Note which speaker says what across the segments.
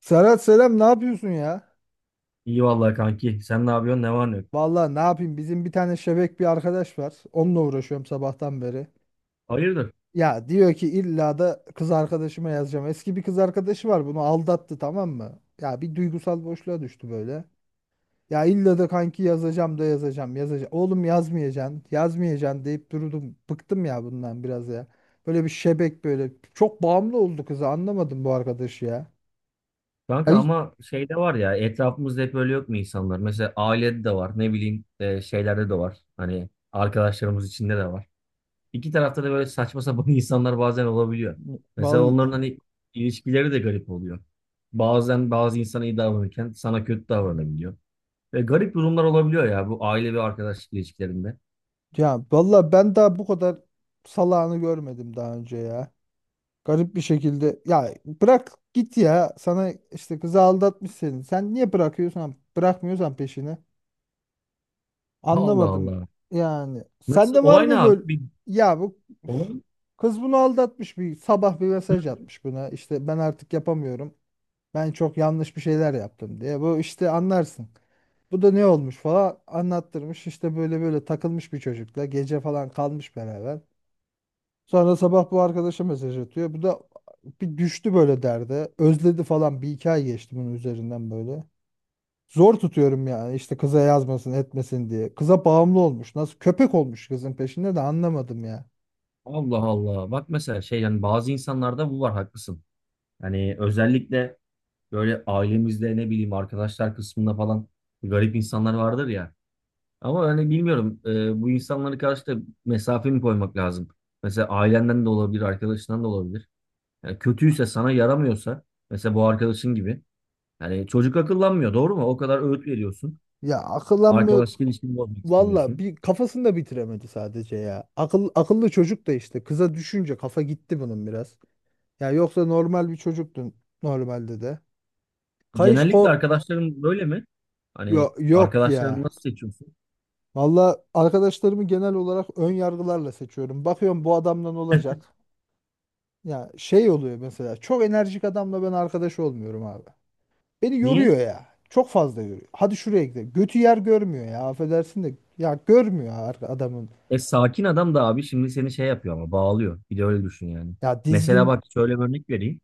Speaker 1: Serhat selam, ne yapıyorsun ya?
Speaker 2: İyi vallahi kanki. Sen ne yapıyorsun? Ne var ne yok?
Speaker 1: Vallahi ne yapayım, bizim bir tane şebek bir arkadaş var. Onunla uğraşıyorum sabahtan beri.
Speaker 2: Hayırdır?
Speaker 1: Ya diyor ki illa da kız arkadaşıma yazacağım. Eski bir kız arkadaşı var, bunu aldattı, tamam mı? Ya bir duygusal boşluğa düştü böyle. Ya illa da kanki yazacağım da yazacağım yazacağım. Oğlum yazmayacaksın yazmayacaksın deyip durdum. Bıktım ya bundan biraz ya. Böyle bir şebek böyle. Çok bağımlı oldu kıza, anlamadım bu arkadaşı ya.
Speaker 2: Kanka
Speaker 1: Ay,
Speaker 2: ama şeyde var ya etrafımızda hep öyle yok mu insanlar? Mesela ailede de var. Ne bileyim şeylerde de var. Hani arkadaşlarımız içinde de var. İki tarafta da böyle saçma sapan insanlar bazen olabiliyor. Mesela onların
Speaker 1: vallahi.
Speaker 2: hani ilişkileri de garip oluyor. Bazen bazı insana iyi davranırken sana kötü davranabiliyor. Ve garip durumlar olabiliyor ya bu aile ve arkadaşlık ilişkilerinde.
Speaker 1: Ya valla ben daha bu kadar salağını görmedim daha önce ya. Garip bir şekilde, ya bırak git ya, sana işte kızı aldatmış seni. Sen niye bırakıyorsan bırakmıyorsan peşini
Speaker 2: Allah
Speaker 1: anlamadım
Speaker 2: Allah.
Speaker 1: yani.
Speaker 2: Nasıl?
Speaker 1: Sende var
Speaker 2: Olay ne
Speaker 1: mı
Speaker 2: abi?
Speaker 1: böyle?
Speaker 2: Bir
Speaker 1: Ya bu, üf.
Speaker 2: olay.
Speaker 1: Kız bunu aldatmış, bir sabah bir mesaj atmış buna, işte ben artık yapamıyorum. Ben çok yanlış bir şeyler yaptım diye. Bu işte anlarsın. Bu da ne olmuş falan anlattırmış, işte böyle böyle takılmış bir çocukla, gece falan kalmış beraber. Sonra sabah bu arkadaşa mesaj atıyor. Bu da bir düştü böyle derde. Özledi falan, bir iki ay geçti bunun üzerinden böyle. Zor tutuyorum yani, işte kıza yazmasın etmesin diye. Kıza bağımlı olmuş. Nasıl köpek olmuş kızın peşinde de, anlamadım ya.
Speaker 2: Allah Allah. Bak mesela şey yani bazı insanlarda bu var haklısın. Yani özellikle böyle ailemizde ne bileyim arkadaşlar kısmında falan garip insanlar vardır ya. Ama hani bilmiyorum bu insanlara karşı da mesafe mi koymak lazım? Mesela ailenden de olabilir, arkadaşından da olabilir. Yani kötüyse sana yaramıyorsa mesela bu arkadaşın gibi. Yani çocuk akıllanmıyor doğru mu? O kadar öğüt veriyorsun.
Speaker 1: Ya akıllanmıyor.
Speaker 2: Arkadaşlık ilişkini bozmak
Speaker 1: Valla
Speaker 2: istemiyorsun.
Speaker 1: bir kafasını da bitiremedi sadece ya. Akıl, akıllı çocuk da, işte kıza düşünce kafa gitti bunun biraz. Ya yoksa normal bir çocuktun normalde de. Kayış
Speaker 2: Genellikle
Speaker 1: ko.
Speaker 2: arkadaşların böyle mi? Hani
Speaker 1: Yok
Speaker 2: arkadaşlarını
Speaker 1: ya.
Speaker 2: nasıl seçiyorsun?
Speaker 1: Valla arkadaşlarımı genel olarak ön yargılarla seçiyorum. Bakıyorum bu adamdan olacak. Ya şey oluyor mesela, çok enerjik adamla ben arkadaş olmuyorum abi. Beni yoruyor
Speaker 2: Niye?
Speaker 1: ya. Çok fazla yoruyor. Hadi şuraya gidelim. Götü yer görmüyor ya, affedersin de. Ya görmüyor adamın.
Speaker 2: E sakin adam da abi şimdi seni şey yapıyor ama bağlıyor. Bir de öyle düşün yani.
Speaker 1: Ya
Speaker 2: Mesela
Speaker 1: dizgin.
Speaker 2: bak şöyle bir örnek vereyim.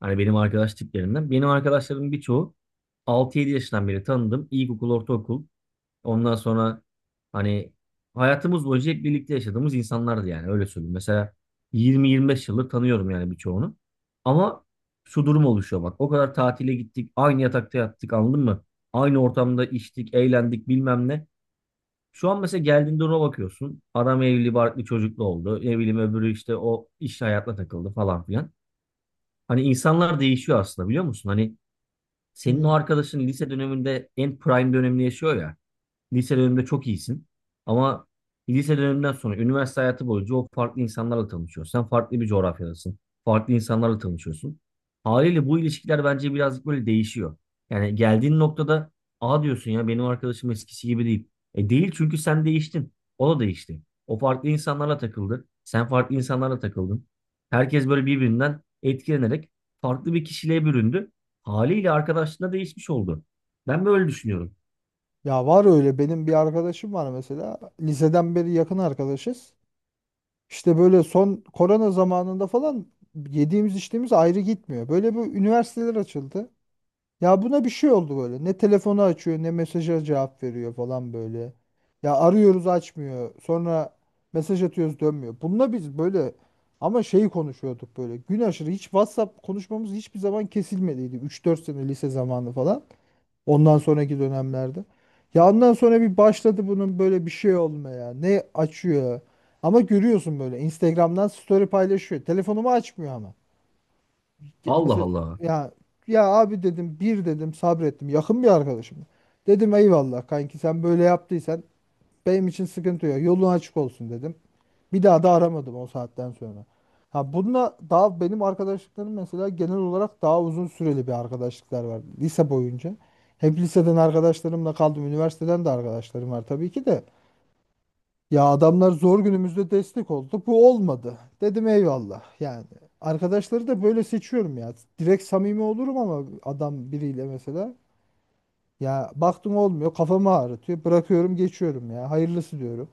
Speaker 2: Hani benim arkadaş tiplerinden. Benim arkadaşlarımın birçoğu 6-7 yaşından beri tanıdım. İlkokul, ortaokul. Ondan sonra hani hayatımız boyunca hep birlikte yaşadığımız insanlardı yani öyle söyleyeyim. Mesela 20-25 yıldır tanıyorum yani birçoğunu. Ama şu durum oluşuyor bak. O kadar tatile gittik, aynı yatakta yattık anladın mı? Aynı ortamda içtik, eğlendik bilmem ne. Şu an mesela geldiğinde ona bakıyorsun. Adam evli barklı çocuklu oldu. Ne bileyim öbürü işte o iş hayatına takıldı falan filan. Hani insanlar değişiyor aslında biliyor musun? Hani senin o
Speaker 1: Hmm.
Speaker 2: arkadaşın lise döneminde en prime dönemini yaşıyor ya. Lise döneminde çok iyisin. Ama lise döneminden sonra üniversite hayatı boyunca o farklı insanlarla tanışıyorsun. Sen farklı bir coğrafyadasın. Farklı insanlarla tanışıyorsun. Haliyle bu ilişkiler bence birazcık böyle değişiyor. Yani geldiğin noktada aa diyorsun ya benim arkadaşım eskisi gibi değil. E değil çünkü sen değiştin. O da değişti. O farklı insanlarla takıldı. Sen farklı insanlarla takıldın. Herkes böyle birbirinden etkilenerek farklı bir kişiliğe büründü. Haliyle arkadaşlığında değişmiş oldu. Ben böyle düşünüyorum.
Speaker 1: Ya var öyle, benim bir arkadaşım var mesela. Liseden beri yakın arkadaşız. İşte böyle son korona zamanında falan, yediğimiz içtiğimiz ayrı gitmiyor. Böyle bir üniversiteler açıldı. Ya buna bir şey oldu böyle. Ne telefonu açıyor, ne mesaja cevap veriyor falan böyle. Ya arıyoruz açmıyor. Sonra mesaj atıyoruz dönmüyor. Bununla biz böyle, ama şeyi konuşuyorduk böyle. Gün aşırı hiç WhatsApp konuşmamız hiçbir zaman kesilmediydi. Üç dört sene lise zamanı falan. Ondan sonraki dönemlerde. Ya ondan sonra bir başladı bunun böyle bir şey olmaya. Ne açıyor. Ama görüyorsun böyle Instagram'dan story paylaşıyor. Telefonumu açmıyor ama.
Speaker 2: Allah
Speaker 1: Mesela,
Speaker 2: Allah.
Speaker 1: ya, ya abi dedim, bir dedim sabrettim yakın bir arkadaşım. Dedim eyvallah kanki, sen böyle yaptıysan benim için sıkıntı yok, yolun açık olsun dedim. Bir daha da aramadım o saatten sonra. Ha bununla daha, benim arkadaşlıklarım mesela genel olarak daha uzun süreli bir arkadaşlıklar var lise boyunca. Hep liseden arkadaşlarımla kaldım, üniversiteden de arkadaşlarım var tabii ki de. Ya adamlar zor günümüzde destek oldu. Bu olmadı. Dedim eyvallah. Yani arkadaşları da böyle seçiyorum ya. Direkt samimi olurum ama adam biriyle mesela. Ya baktım olmuyor. Kafamı ağrıtıyor. Bırakıyorum geçiyorum ya. Hayırlısı diyorum.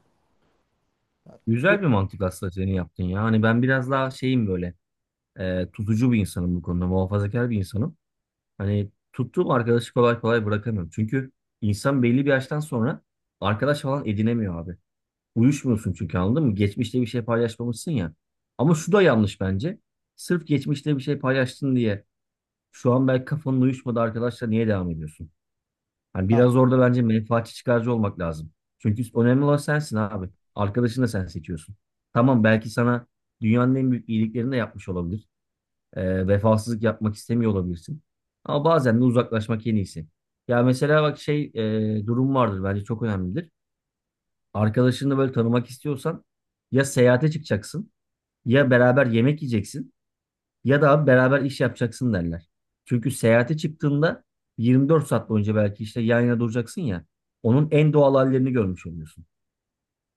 Speaker 2: Güzel
Speaker 1: Yok.
Speaker 2: bir mantık aslında senin yaptın ya. Hani ben biraz daha şeyim böyle tutucu bir insanım bu konuda. Muhafazakar bir insanım. Hani tuttuğum arkadaşı kolay kolay bırakamıyorum. Çünkü insan belli bir yaştan sonra arkadaş falan edinemiyor abi. Uyuşmuyorsun çünkü anladın mı? Geçmişte bir şey paylaşmamışsın ya. Ama şu da yanlış bence. Sırf geçmişte bir şey paylaştın diye şu an belki kafanın uyuşmadı arkadaşla niye devam ediyorsun? Hani
Speaker 1: Ya,
Speaker 2: biraz orada bence menfaatçi çıkarcı olmak lazım. Çünkü önemli olan sensin abi. Arkadaşını da sen seçiyorsun. Tamam belki sana dünyanın en büyük iyiliklerini de yapmış olabilir. Vefasızlık yapmak istemiyor olabilirsin. Ama bazen de uzaklaşmak en iyisi. Ya mesela bak şey durum vardır bence çok önemlidir. Arkadaşını böyle tanımak istiyorsan ya seyahate çıkacaksın ya beraber yemek yiyeceksin. Ya da abi beraber iş yapacaksın derler. Çünkü seyahate çıktığında 24 saat boyunca belki işte yan yana duracaksın ya. Onun en doğal hallerini görmüş oluyorsun.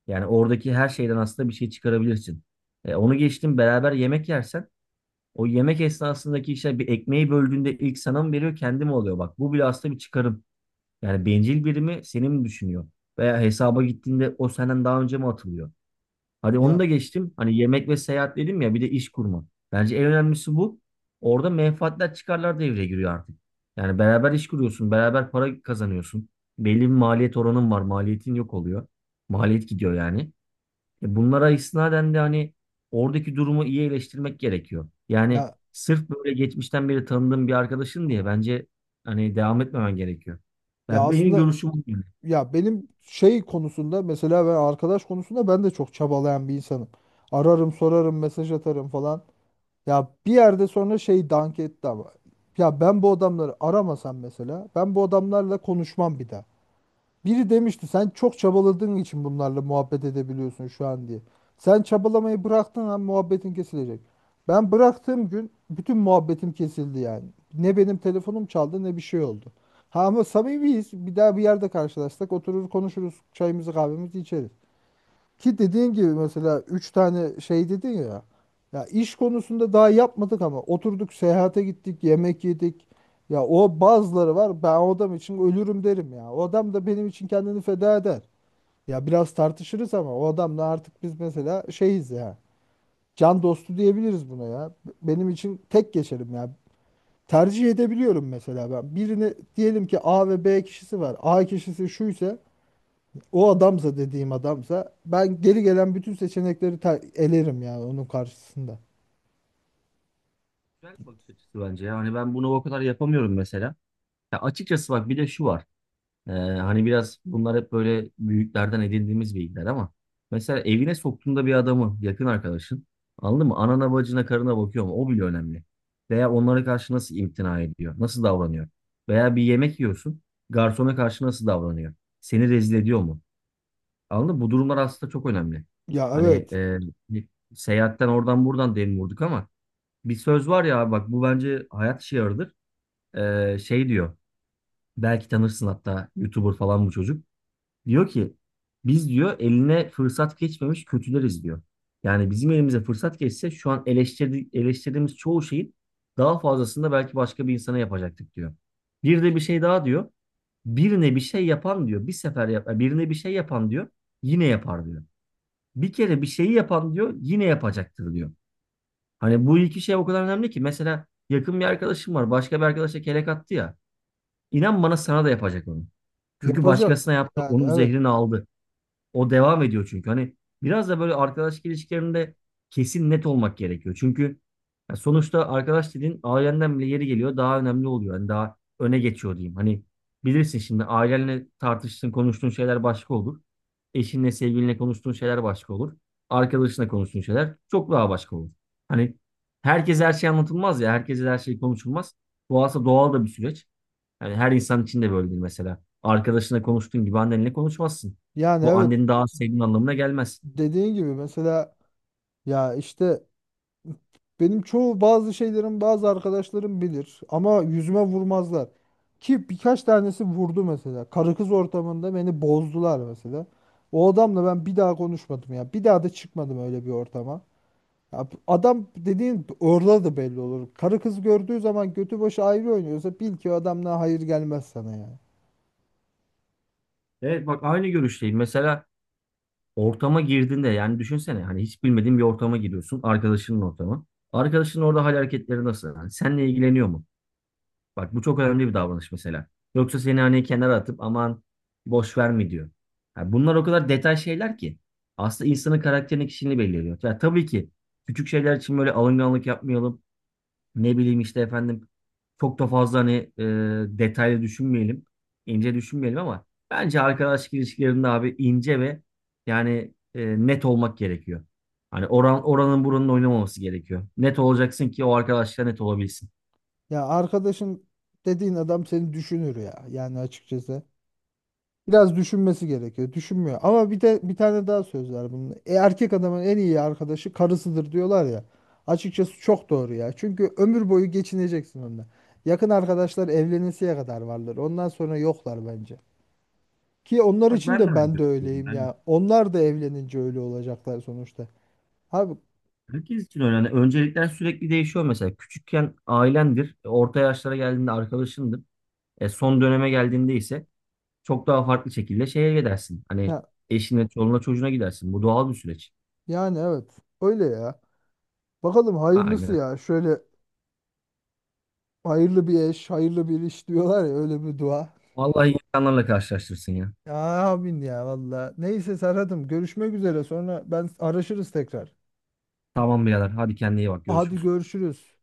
Speaker 2: Yani oradaki her şeyden aslında bir şey çıkarabilirsin. Onu geçtim beraber yemek yersen o yemek esnasındaki işte bir ekmeği böldüğünde ilk sana mı veriyor kendi mi oluyor? Bak bu bile aslında bir çıkarım. Yani bencil biri mi seni mi düşünüyor? Veya hesaba gittiğinde o senden daha önce mi atılıyor? Hadi onu
Speaker 1: ya,
Speaker 2: da geçtim. Hani yemek ve seyahat dedim ya bir de iş kurma. Bence en önemlisi bu. Orada menfaatler çıkarlar devreye giriyor artık. Yani beraber iş kuruyorsun, beraber para kazanıyorsun. Belli bir maliyet oranın var, maliyetin yok oluyor. Maliyet gidiyor yani. E bunlara istinaden de hani oradaki durumu iyi eleştirmek gerekiyor. Yani
Speaker 1: ya,
Speaker 2: sırf böyle geçmişten beri tanıdığım bir arkadaşın diye bence hani devam etmemen gerekiyor.
Speaker 1: ya
Speaker 2: Benim
Speaker 1: aslında,
Speaker 2: görüşüm bu. Yani.
Speaker 1: ya benim şey konusunda, mesela ben arkadaş konusunda ben de çok çabalayan bir insanım. Ararım sorarım mesaj atarım falan. Ya bir yerde sonra şey dank etti ama. Ya ben bu adamları aramasam, mesela ben bu adamlarla konuşmam bir daha. Biri demişti sen çok çabaladığın için bunlarla muhabbet edebiliyorsun şu an diye. Sen çabalamayı bıraktığın an muhabbetin kesilecek. Ben bıraktığım gün bütün muhabbetim kesildi yani. Ne benim telefonum çaldı, ne bir şey oldu. Ha ama samimiyiz. Bir daha bir yerde karşılaşsak oturur konuşuruz. Çayımızı kahvemizi içeriz. Ki dediğin gibi mesela 3 tane şey dedin ya. Ya iş konusunda daha yapmadık ama oturduk, seyahate gittik, yemek yedik. Ya o bazıları var. Ben o adam için ölürüm derim ya. O adam da benim için kendini feda eder. Ya biraz tartışırız ama o adamla artık biz mesela şeyiz ya. Can dostu diyebiliriz buna ya. Benim için tek geçerim ya. Tercih edebiliyorum mesela ben. Birini, diyelim ki A ve B kişisi var. A kişisi şu ise, o adamsa, dediğim adamsa ben geri gelen bütün seçenekleri elerim yani onun karşısında.
Speaker 2: Güzel bir bakış açısı bence. Yani ben bunu o kadar yapamıyorum mesela. Ya açıkçası bak bir de şu var. Hani biraz bunlar hep böyle büyüklerden edindiğimiz bilgiler ama mesela evine soktuğunda bir adamı yakın arkadaşın anladın mı? Anana bacına karına bakıyor mu? O bile önemli. Veya onlara karşı nasıl imtina ediyor? Nasıl davranıyor? Veya bir yemek yiyorsun. Garsona karşı nasıl davranıyor? Seni rezil ediyor mu? Anladın mı? Bu durumlar aslında çok önemli.
Speaker 1: Ya
Speaker 2: Hani
Speaker 1: evet,
Speaker 2: bir seyahatten oradan buradan dem vurduk ama bir söz var ya abi, bak bu bence hayat şiarıdır. Şey diyor. Belki tanırsın hatta YouTuber falan bu çocuk. Diyor ki biz diyor eline fırsat geçmemiş kötüleriz diyor. Yani bizim elimize fırsat geçse şu an eleştirdiğimiz çoğu şeyin daha fazlasını da belki başka bir insana yapacaktık diyor. Bir de bir şey daha diyor. Birine bir şey yapan diyor. Bir sefer yap, "Yani birine bir şey yapan diyor. Yine yapar diyor. Bir kere bir şeyi yapan diyor. Yine yapacaktır diyor. Hani bu iki şey o kadar önemli ki. Mesela yakın bir arkadaşım var. Başka bir arkadaşa kelek attı ya. İnan bana sana da yapacak onu. Çünkü
Speaker 1: yapacak.
Speaker 2: başkasına yaptı,
Speaker 1: Yani
Speaker 2: onun
Speaker 1: evet.
Speaker 2: zehrini aldı. O devam ediyor çünkü. Hani biraz da böyle arkadaşlık ilişkilerinde kesin net olmak gerekiyor. Çünkü ya sonuçta arkadaş dediğin ailenden bile yeri geliyor daha önemli oluyor. Hani daha öne geçiyor diyeyim. Hani bilirsin şimdi ailenle tartıştığın, konuştuğun şeyler başka olur. Eşinle, sevgilinle konuştuğun şeyler başka olur. Arkadaşınla konuştuğun şeyler çok daha başka olur. Hani herkese her şey anlatılmaz ya, herkese her şey konuşulmaz. Bu aslında doğal da bir süreç. Yani her insan için de böyledir mesela. Arkadaşına konuştuğun gibi annenle konuşmazsın.
Speaker 1: Yani
Speaker 2: Bu
Speaker 1: evet,
Speaker 2: anneni daha az sevdiğin anlamına gelmez.
Speaker 1: dediğin gibi mesela, ya işte benim çoğu bazı şeylerim, bazı arkadaşlarım bilir ama yüzüme vurmazlar. Ki birkaç tanesi vurdu mesela. Karı kız ortamında beni bozdular mesela. O adamla ben bir daha konuşmadım ya. Bir daha da çıkmadım öyle bir ortama. Ya bu adam dediğin orada da belli olur. Karı kız gördüğü zaman götü başı ayrı oynuyorsa, bil ki o adamdan hayır gelmez sana ya.
Speaker 2: Evet bak aynı görüşteyim. Mesela ortama girdiğinde yani düşünsene hani hiç bilmediğin bir ortama giriyorsun. Arkadaşının ortamı. Arkadaşının orada hal hareketleri nasıl? Yani seninle ilgileniyor mu? Bak bu çok önemli bir davranış mesela. Yoksa seni hani kenara atıp aman boş ver mi diyor. Yani bunlar o kadar detay şeyler ki. Aslında insanın karakterini kişiliğini belirliyor. Yani tabii ki küçük şeyler için böyle alınganlık yapmayalım. Ne bileyim işte efendim çok da fazla hani e, detaylı düşünmeyelim. İnce düşünmeyelim ama bence arkadaşlık ilişkilerinde abi ince ve yani net olmak gerekiyor. Hani oranın buranın oynamaması gerekiyor. Net olacaksın ki o arkadaşla net olabilsin.
Speaker 1: Ya arkadaşın dediğin adam seni düşünür ya. Yani açıkçası. Biraz düşünmesi gerekiyor. Düşünmüyor. Ama bir de bir tane daha söz var bunun. Erkek adamın en iyi arkadaşı karısıdır diyorlar ya. Açıkçası çok doğru ya. Çünkü ömür boyu geçineceksin onunla. Yakın arkadaşlar evlenesiye kadar vardır. Ondan sonra yoklar bence. Ki onlar
Speaker 2: Bak
Speaker 1: için
Speaker 2: ben de
Speaker 1: de
Speaker 2: aynı
Speaker 1: ben de
Speaker 2: düşünüyorum.
Speaker 1: öyleyim
Speaker 2: Yani
Speaker 1: ya. Onlar da evlenince öyle olacaklar sonuçta. Abi
Speaker 2: herkes için öyle. Yani öncelikler sürekli değişiyor mesela. Küçükken ailendir. Orta yaşlara geldiğinde arkadaşındır. Son döneme geldiğinde ise çok daha farklı şekilde şeye gidersin. Hani
Speaker 1: ya,
Speaker 2: eşine, çoluğuna, çocuğuna gidersin. Bu doğal bir süreç.
Speaker 1: yani evet öyle ya. Bakalım hayırlısı
Speaker 2: Aynen.
Speaker 1: ya. Şöyle hayırlı bir eş, hayırlı bir iş diyorlar ya, öyle bir dua.
Speaker 2: Vallahi insanlarla karşılaştırsın ya.
Speaker 1: Ya amin ya valla. Neyse Serhat'ım, görüşmek üzere. Sonra ben araşırız tekrar.
Speaker 2: Tamam birader. Hadi kendine iyi bak.
Speaker 1: Hadi
Speaker 2: Görüşürüz.
Speaker 1: görüşürüz.